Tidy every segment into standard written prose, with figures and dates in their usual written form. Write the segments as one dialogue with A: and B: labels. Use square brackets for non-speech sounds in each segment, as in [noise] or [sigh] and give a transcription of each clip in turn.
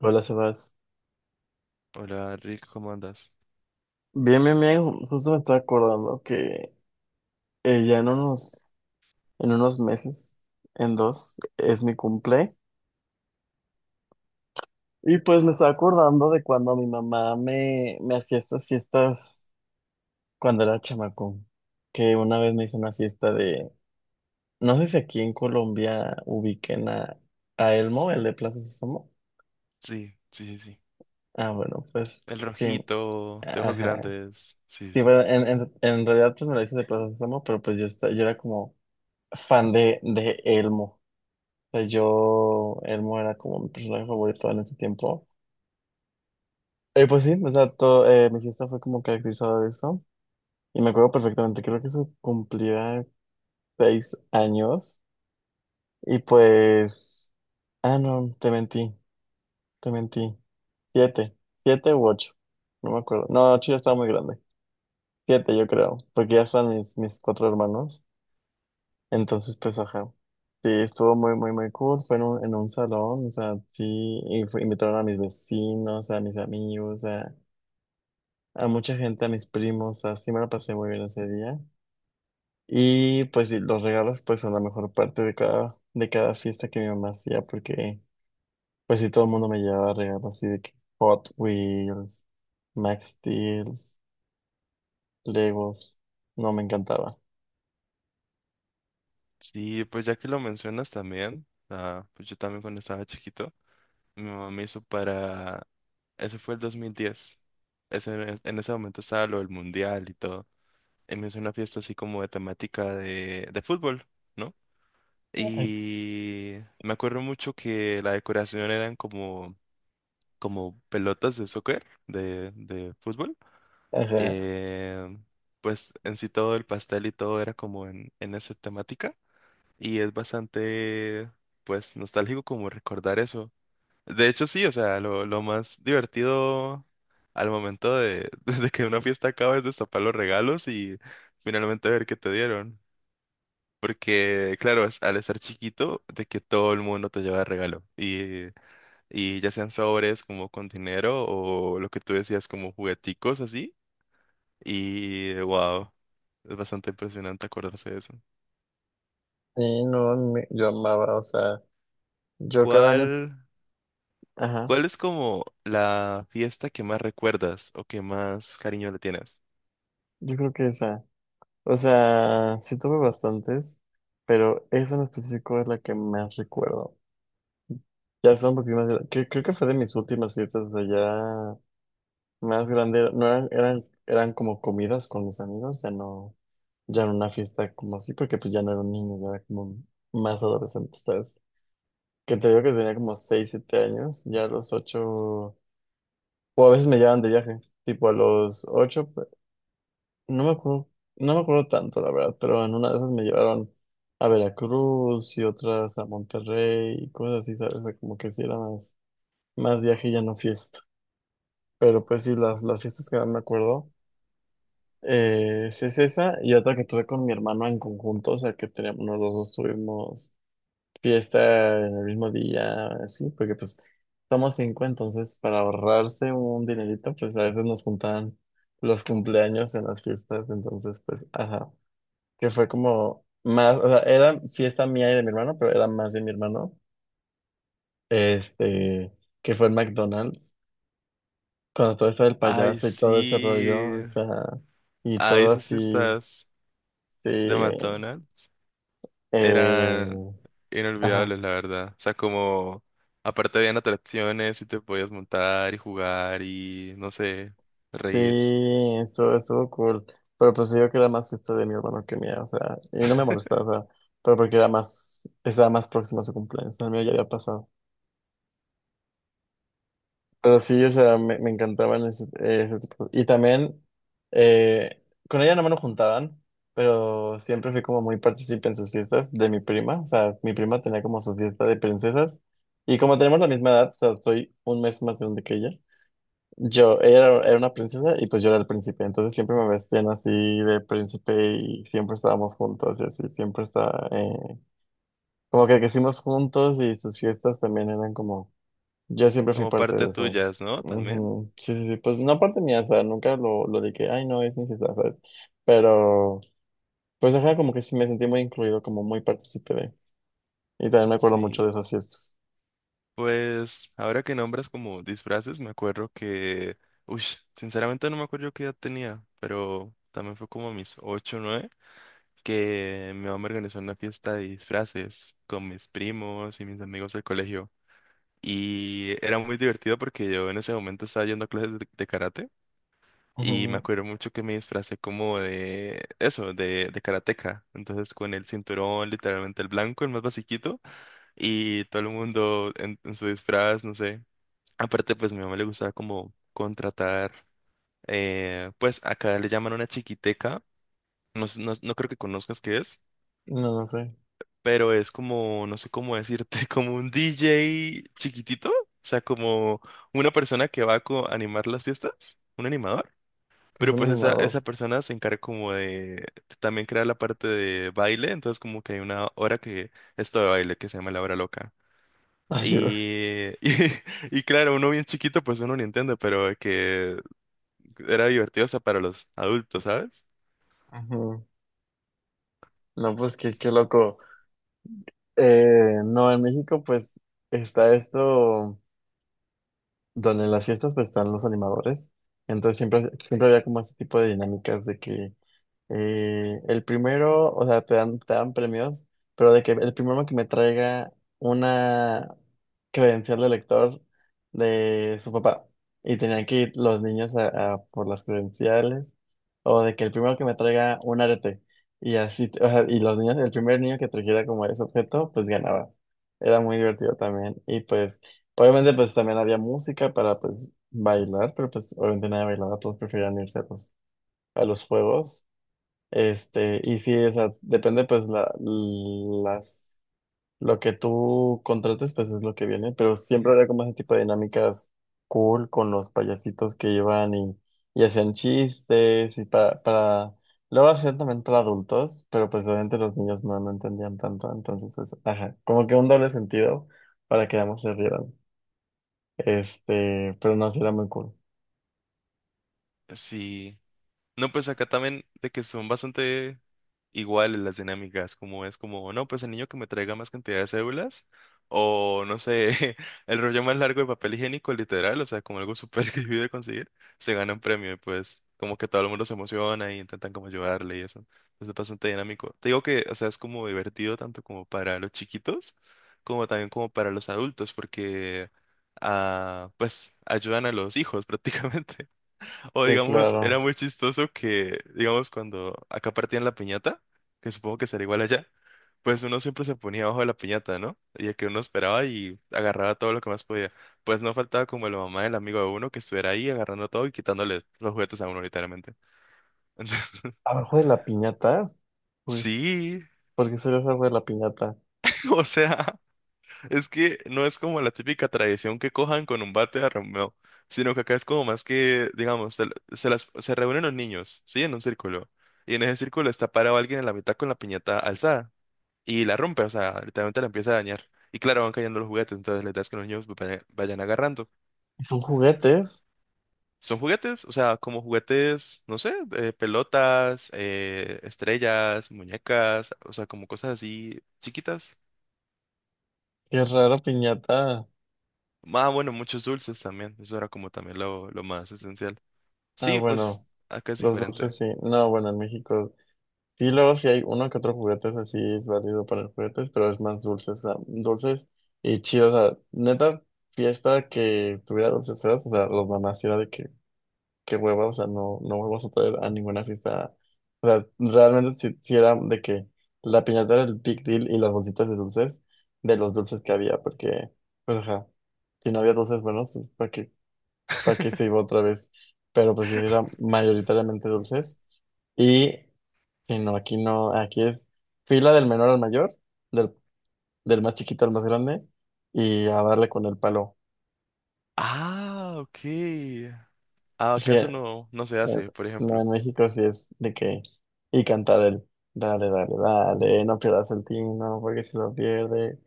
A: Hola, Sebas.
B: Hola, Rick, ¿cómo andas?
A: Bien, bien, bien. Justo me estaba acordando que ya en unos meses, en dos, es mi cumple. Y pues me estaba acordando de cuando mi mamá me hacía estas fiestas cuando era chamaco. Que una vez me hizo una fiesta de. No sé si aquí en Colombia ubiquen a Elmo, el de Plaza Sésamo.
B: Sí, sí, sí, sí.
A: Ah, bueno, pues
B: El
A: sí.
B: rojito, de ojos
A: Ajá.
B: grandes. Sí,
A: Sí,
B: sí. Sí,
A: bueno, en realidad pues me la hizo de Plaza Sésamo, pero pues yo era como. Fan de Elmo. O sea, Elmo era como mi personaje favorito en ese tiempo. Pues sí, o sea, mi fiesta fue como caracterizada de eso. Y me acuerdo perfectamente, creo que eso cumplía 6 años. Y pues, ah, no, te mentí, te mentí. 7, 7 u 8, no me acuerdo. No, 8 ya estaba muy grande. 7, yo creo, porque ya están mis cuatro hermanos. Entonces, pues, ajá. Sí, estuvo muy, muy, muy cool. Fue en un salón, o sea, sí, y invitaron a mis vecinos, a mis amigos, a mucha gente, a mis primos, así me la pasé muy bien ese día. Y pues sí, los regalos, pues, son la mejor parte de cada fiesta que mi mamá hacía, porque, pues, sí, todo el mundo me llevaba regalos, así de que Hot Wheels, Max Steel, Legos, no, me encantaba.
B: sí, pues ya que lo mencionas también, ah, pues yo también cuando estaba chiquito, mi mamá me hizo. Ese fue el 2010. Ese, en ese momento estaba lo del mundial y todo. Y me hizo una fiesta así como de temática de fútbol, ¿no?
A: Ay.
B: Y me acuerdo mucho que la decoración eran como pelotas de soccer, de fútbol.
A: Ajá.
B: Eh, pues en sí todo el pastel y todo era como en esa temática y es bastante, pues, nostálgico como recordar eso. De hecho, sí, o sea, lo más divertido al momento [laughs] de que una fiesta acaba es destapar los regalos y finalmente ver qué te dieron. Porque, claro, al estar chiquito, de que todo el mundo te lleva regalo. Y ya sean sobres como con dinero o lo que tú decías como jugueticos así. Y wow, es bastante impresionante acordarse de eso.
A: Y no, yo amaba, o sea, yo cada año,
B: ¿Cuál,
A: ajá.
B: cuál es como la fiesta que más recuerdas o que más cariño le tienes?
A: Yo creo que esa. O sea, sí tuve bastantes, pero esa en específico es la que más recuerdo. Ya son un poquito más. Creo que fue de mis últimas fiestas, o sea, ya más grande. No eran como comidas con mis amigos, ya no, ya era una fiesta como así, porque pues ya no era un niño, ya era como más adolescente, ¿sabes? Que te digo que tenía como 6 7 años, ya a los 8 o a veces me llevaban de viaje, tipo a los 8. No me acuerdo, no me acuerdo tanto, la verdad, pero en una de esas me llevaron a Veracruz y otras a Monterrey y cosas así, ¿sabes? O sea, como que sí era más, más viaje y ya no fiesta. Pero pues sí, las fiestas que más me acuerdo sí es esa y otra que tuve con mi hermano en conjunto, o sea, que teníamos, los dos tuvimos fiesta en el mismo día, así, porque pues somos cinco, entonces para ahorrarse un dinerito, pues a veces nos juntaban los cumpleaños en las fiestas, entonces pues, ajá, que fue como más, o sea, era fiesta mía y de mi hermano, pero era más de mi hermano, este, que fue en McDonald's, cuando todo eso del
B: Ay,
A: payaso y todo ese
B: sí.
A: rollo, o sea, y
B: Ay,
A: todo
B: esas
A: así,
B: fiestas
A: sí,
B: de McDonald's eran
A: eh, ajá,
B: inolvidables, la verdad. O sea, como aparte habían atracciones y te podías montar y jugar y no sé,
A: sí,
B: reír.
A: estuvo cool, pero pues digo que era más fiesta de mi hermano que mía, o sea, y no me molestaba, o sea, pero porque era más, estaba más próximo a su cumpleaños, el mío ya había pasado. Pero sí, o sea, me encantaban ese, ese tipo. Y también, eh, con ella no me lo juntaban, pero siempre fui como muy partícipe en sus fiestas de mi prima. O sea, mi prima tenía como su fiesta de princesas. Y como tenemos la misma edad, o sea, soy un mes más grande que ella. Yo, ella era, era una princesa y pues yo era el príncipe. Entonces siempre me vestían así de príncipe y siempre estábamos juntos y así, siempre está, como que crecimos juntos y sus fiestas también eran como yo siempre fui
B: Como
A: parte
B: parte
A: de eso.
B: tuyas, ¿no? También.
A: Ujú. Sí, sí, sí, pues no parte mía, o sea, nunca lo de que, ay, no, es necesario, ¿sabes? Pero, pues ajá, como que sí me sentí muy incluido, como muy partícipe de. Y también me acuerdo mucho
B: Sí.
A: de esas fiestas.
B: Pues ahora que nombras como disfraces, me acuerdo que, uy, sinceramente no me acuerdo qué edad tenía, pero también fue como a mis 8 o nueve que mi mamá me organizó una fiesta de disfraces con mis primos y mis amigos del colegio. Y era muy divertido porque yo en ese momento estaba yendo a clases de karate y me
A: Ujú.
B: acuerdo mucho que me disfracé como de eso, de karateca. Entonces con el cinturón, literalmente el blanco, el más basiquito, y todo el mundo en su disfraz, no sé. Aparte, pues mi mamá le gustaba como contratar, pues acá le llaman una chiquiteca, no, no, no creo que conozcas qué es,
A: No, no sé,
B: pero es como, no sé cómo decirte, [laughs] como un DJ chiquitito, o sea, como una persona que va a animar las fiestas, un animador,
A: pues
B: pero
A: un
B: pues esa,
A: animador.
B: esa persona se encarga como de, también crear la parte de baile, entonces como que hay una hora que, esto de baile que se llama la hora loca.
A: Ayuda.
B: Y, [laughs] y claro, uno bien chiquito, pues uno no entiende, pero que era divertido hasta para los adultos, ¿sabes?
A: [laughs] Ujú. No, pues qué, qué loco. No, en México, pues está esto, donde en las fiestas, pues están los animadores. Entonces siempre, siempre había como ese tipo de dinámicas de que. El primero, o sea, te dan premios, pero de que el primero que me traiga una credencial de lector de su papá y tenían que ir los niños a por las credenciales, o de que el primero que me traiga un arete y así, o sea, y los niños, el primer niño que trajera como ese objeto, pues ganaba. Era muy divertido también y pues obviamente pues también había música para pues bailar, pero pues obviamente nadie bailaba, todos preferían irse pues a los juegos. Este, y sí, o sea, depende pues la, las, lo que tú contrates, pues es lo que viene, pero siempre había como ese tipo de dinámicas cool con los payasitos que iban y hacían chistes y luego hacían también para adultos, pero pues obviamente los niños no, no entendían tanto, entonces, pues, ajá, como que un doble sentido para que ambos se rieran, este, pero no, sí era muy cool.
B: Sí. No, pues acá también de que son bastante iguales las dinámicas, como es como, no, pues el niño que me traiga más cantidad de cédulas, o no sé, [laughs] el rollo más largo de papel higiénico, literal, o sea, como algo súper [laughs] difícil de conseguir, se gana un premio y pues como que todo el mundo se emociona y intentan como ayudarle y eso. Entonces es bastante dinámico. Te digo que, o sea, es como divertido tanto como para los chiquitos, como también como para los adultos, porque, ah, pues ayudan a los hijos [laughs] prácticamente. O
A: Sí,
B: digamos, era
A: claro.
B: muy chistoso que, digamos, cuando acá partían la piñata, que supongo que será igual allá, pues uno siempre se ponía abajo de la piñata, ¿no? Y que uno esperaba y agarraba todo lo que más podía. Pues no faltaba como la mamá del amigo de uno que estuviera ahí agarrando todo y quitándole los juguetes a uno literalmente. [laughs] Entonces,
A: Abajo de la piñata, pues,
B: sí,
A: ¿por qué sería abajo de la piñata?
B: [laughs] o sea. Es que no es como la típica tradición que cojan con un bate a Romeo, sino que acá es como más que, digamos, se reúnen los niños, ¿sí? En un círculo. Y en ese círculo está parado alguien en la mitad con la piñata alzada. Y la rompe, o sea, literalmente la empieza a dañar. Y claro, van cayendo los juguetes, entonces la idea es que los niños vayan agarrando.
A: Son juguetes.
B: Son juguetes, o sea, como juguetes, no sé, pelotas, estrellas, muñecas, o sea, como cosas así chiquitas.
A: Qué raro, piñata.
B: Ah, bueno, muchos dulces también. Eso era como también lo más esencial.
A: Ah,
B: Sí, pues
A: bueno,
B: acá es
A: los
B: diferente.
A: dulces sí. No, bueno, en México sí, luego sí hay uno que otro juguetes así es válido para los juguetes, pero es más dulces, o sea, dulces y chidos. O sea, neta, fiesta que tuviera dulces feos, o sea, los mamás sí era de que, qué hueva, o sea, no, no vuelvas a traer a ninguna fiesta. O sea, realmente sí, sí era de que la piñata era el big deal y las bolsitas de dulces, de los dulces que había, porque, pues, ajá, si no había dulces buenos, pues, ¿para qué? Para que se iba
B: [laughs]
A: otra vez. Pero pues sí, era mayoritariamente dulces. Y sí, no, aquí no, aquí es fila del menor al mayor, del, del más chiquito al más grande, y a darle con el palo. [laughs]
B: Ah, ok. Ah, acá
A: Sí,
B: eso no, no se hace, por
A: no,
B: ejemplo.
A: en México sí es de que, y cantar el, dale, dale, dale, no pierdas el tino, porque si lo pierdes.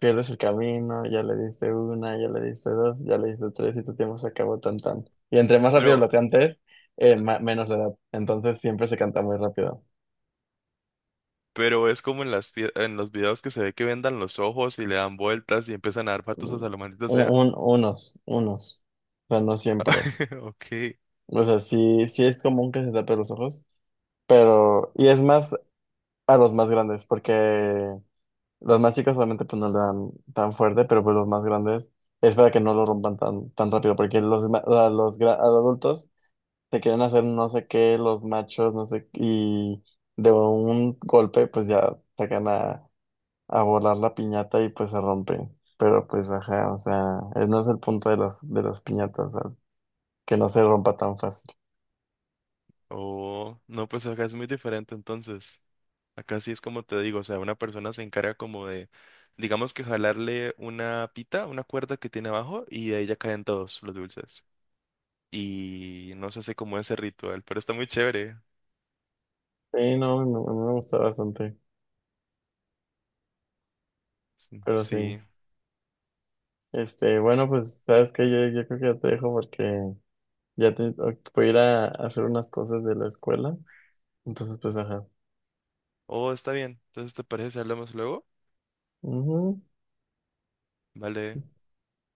A: Pierdes el camino, ya le diste una, ya le diste dos, ya le diste tres y tu tiempo se acabó tan tan. Y entre más rápido
B: Pero,
A: lo cantes, menos le da. Entonces siempre se canta muy rápido.
B: pero es como en las en los videos que se ve que vendan los ojos y le dan vueltas y empiezan a dar patos
A: Mm,
B: a la maldita sea.
A: unos, unos. O sea, no siempre.
B: [laughs] Ok.
A: O sea, sí, sí es común que se tape los ojos, pero... Y es más a los más grandes, porque los más chicos solamente pues no le dan tan fuerte, pero pues los más grandes es para que no lo rompan tan, tan rápido, porque los, ma- a los, gra- a los adultos... te quieren hacer no sé qué, los machos, no sé, y de un golpe pues ya sacan a volar la piñata y pues se rompe. Pero pues ajá, o sea, no es el punto de las piñatas, o sea, que no se rompa tan fácil.
B: Oh, no, pues acá es muy diferente entonces. Acá sí es como te digo, o sea, una persona se encarga como de, digamos que jalarle una pita, una cuerda que tiene abajo y de ahí ya caen todos los dulces. Y no se hace como ese ritual, pero está muy chévere.
A: Sí, no, me gusta bastante,
B: Sí.
A: pero sí.
B: Sí.
A: Este, bueno, pues, ¿sabes qué? Yo creo que ya te dejo porque ya te, voy a ir a hacer unas cosas de la escuela. Entonces, pues, ajá.
B: Oh, está bien. Entonces, ¿te parece si hablamos luego?
A: Ujú.
B: Vale.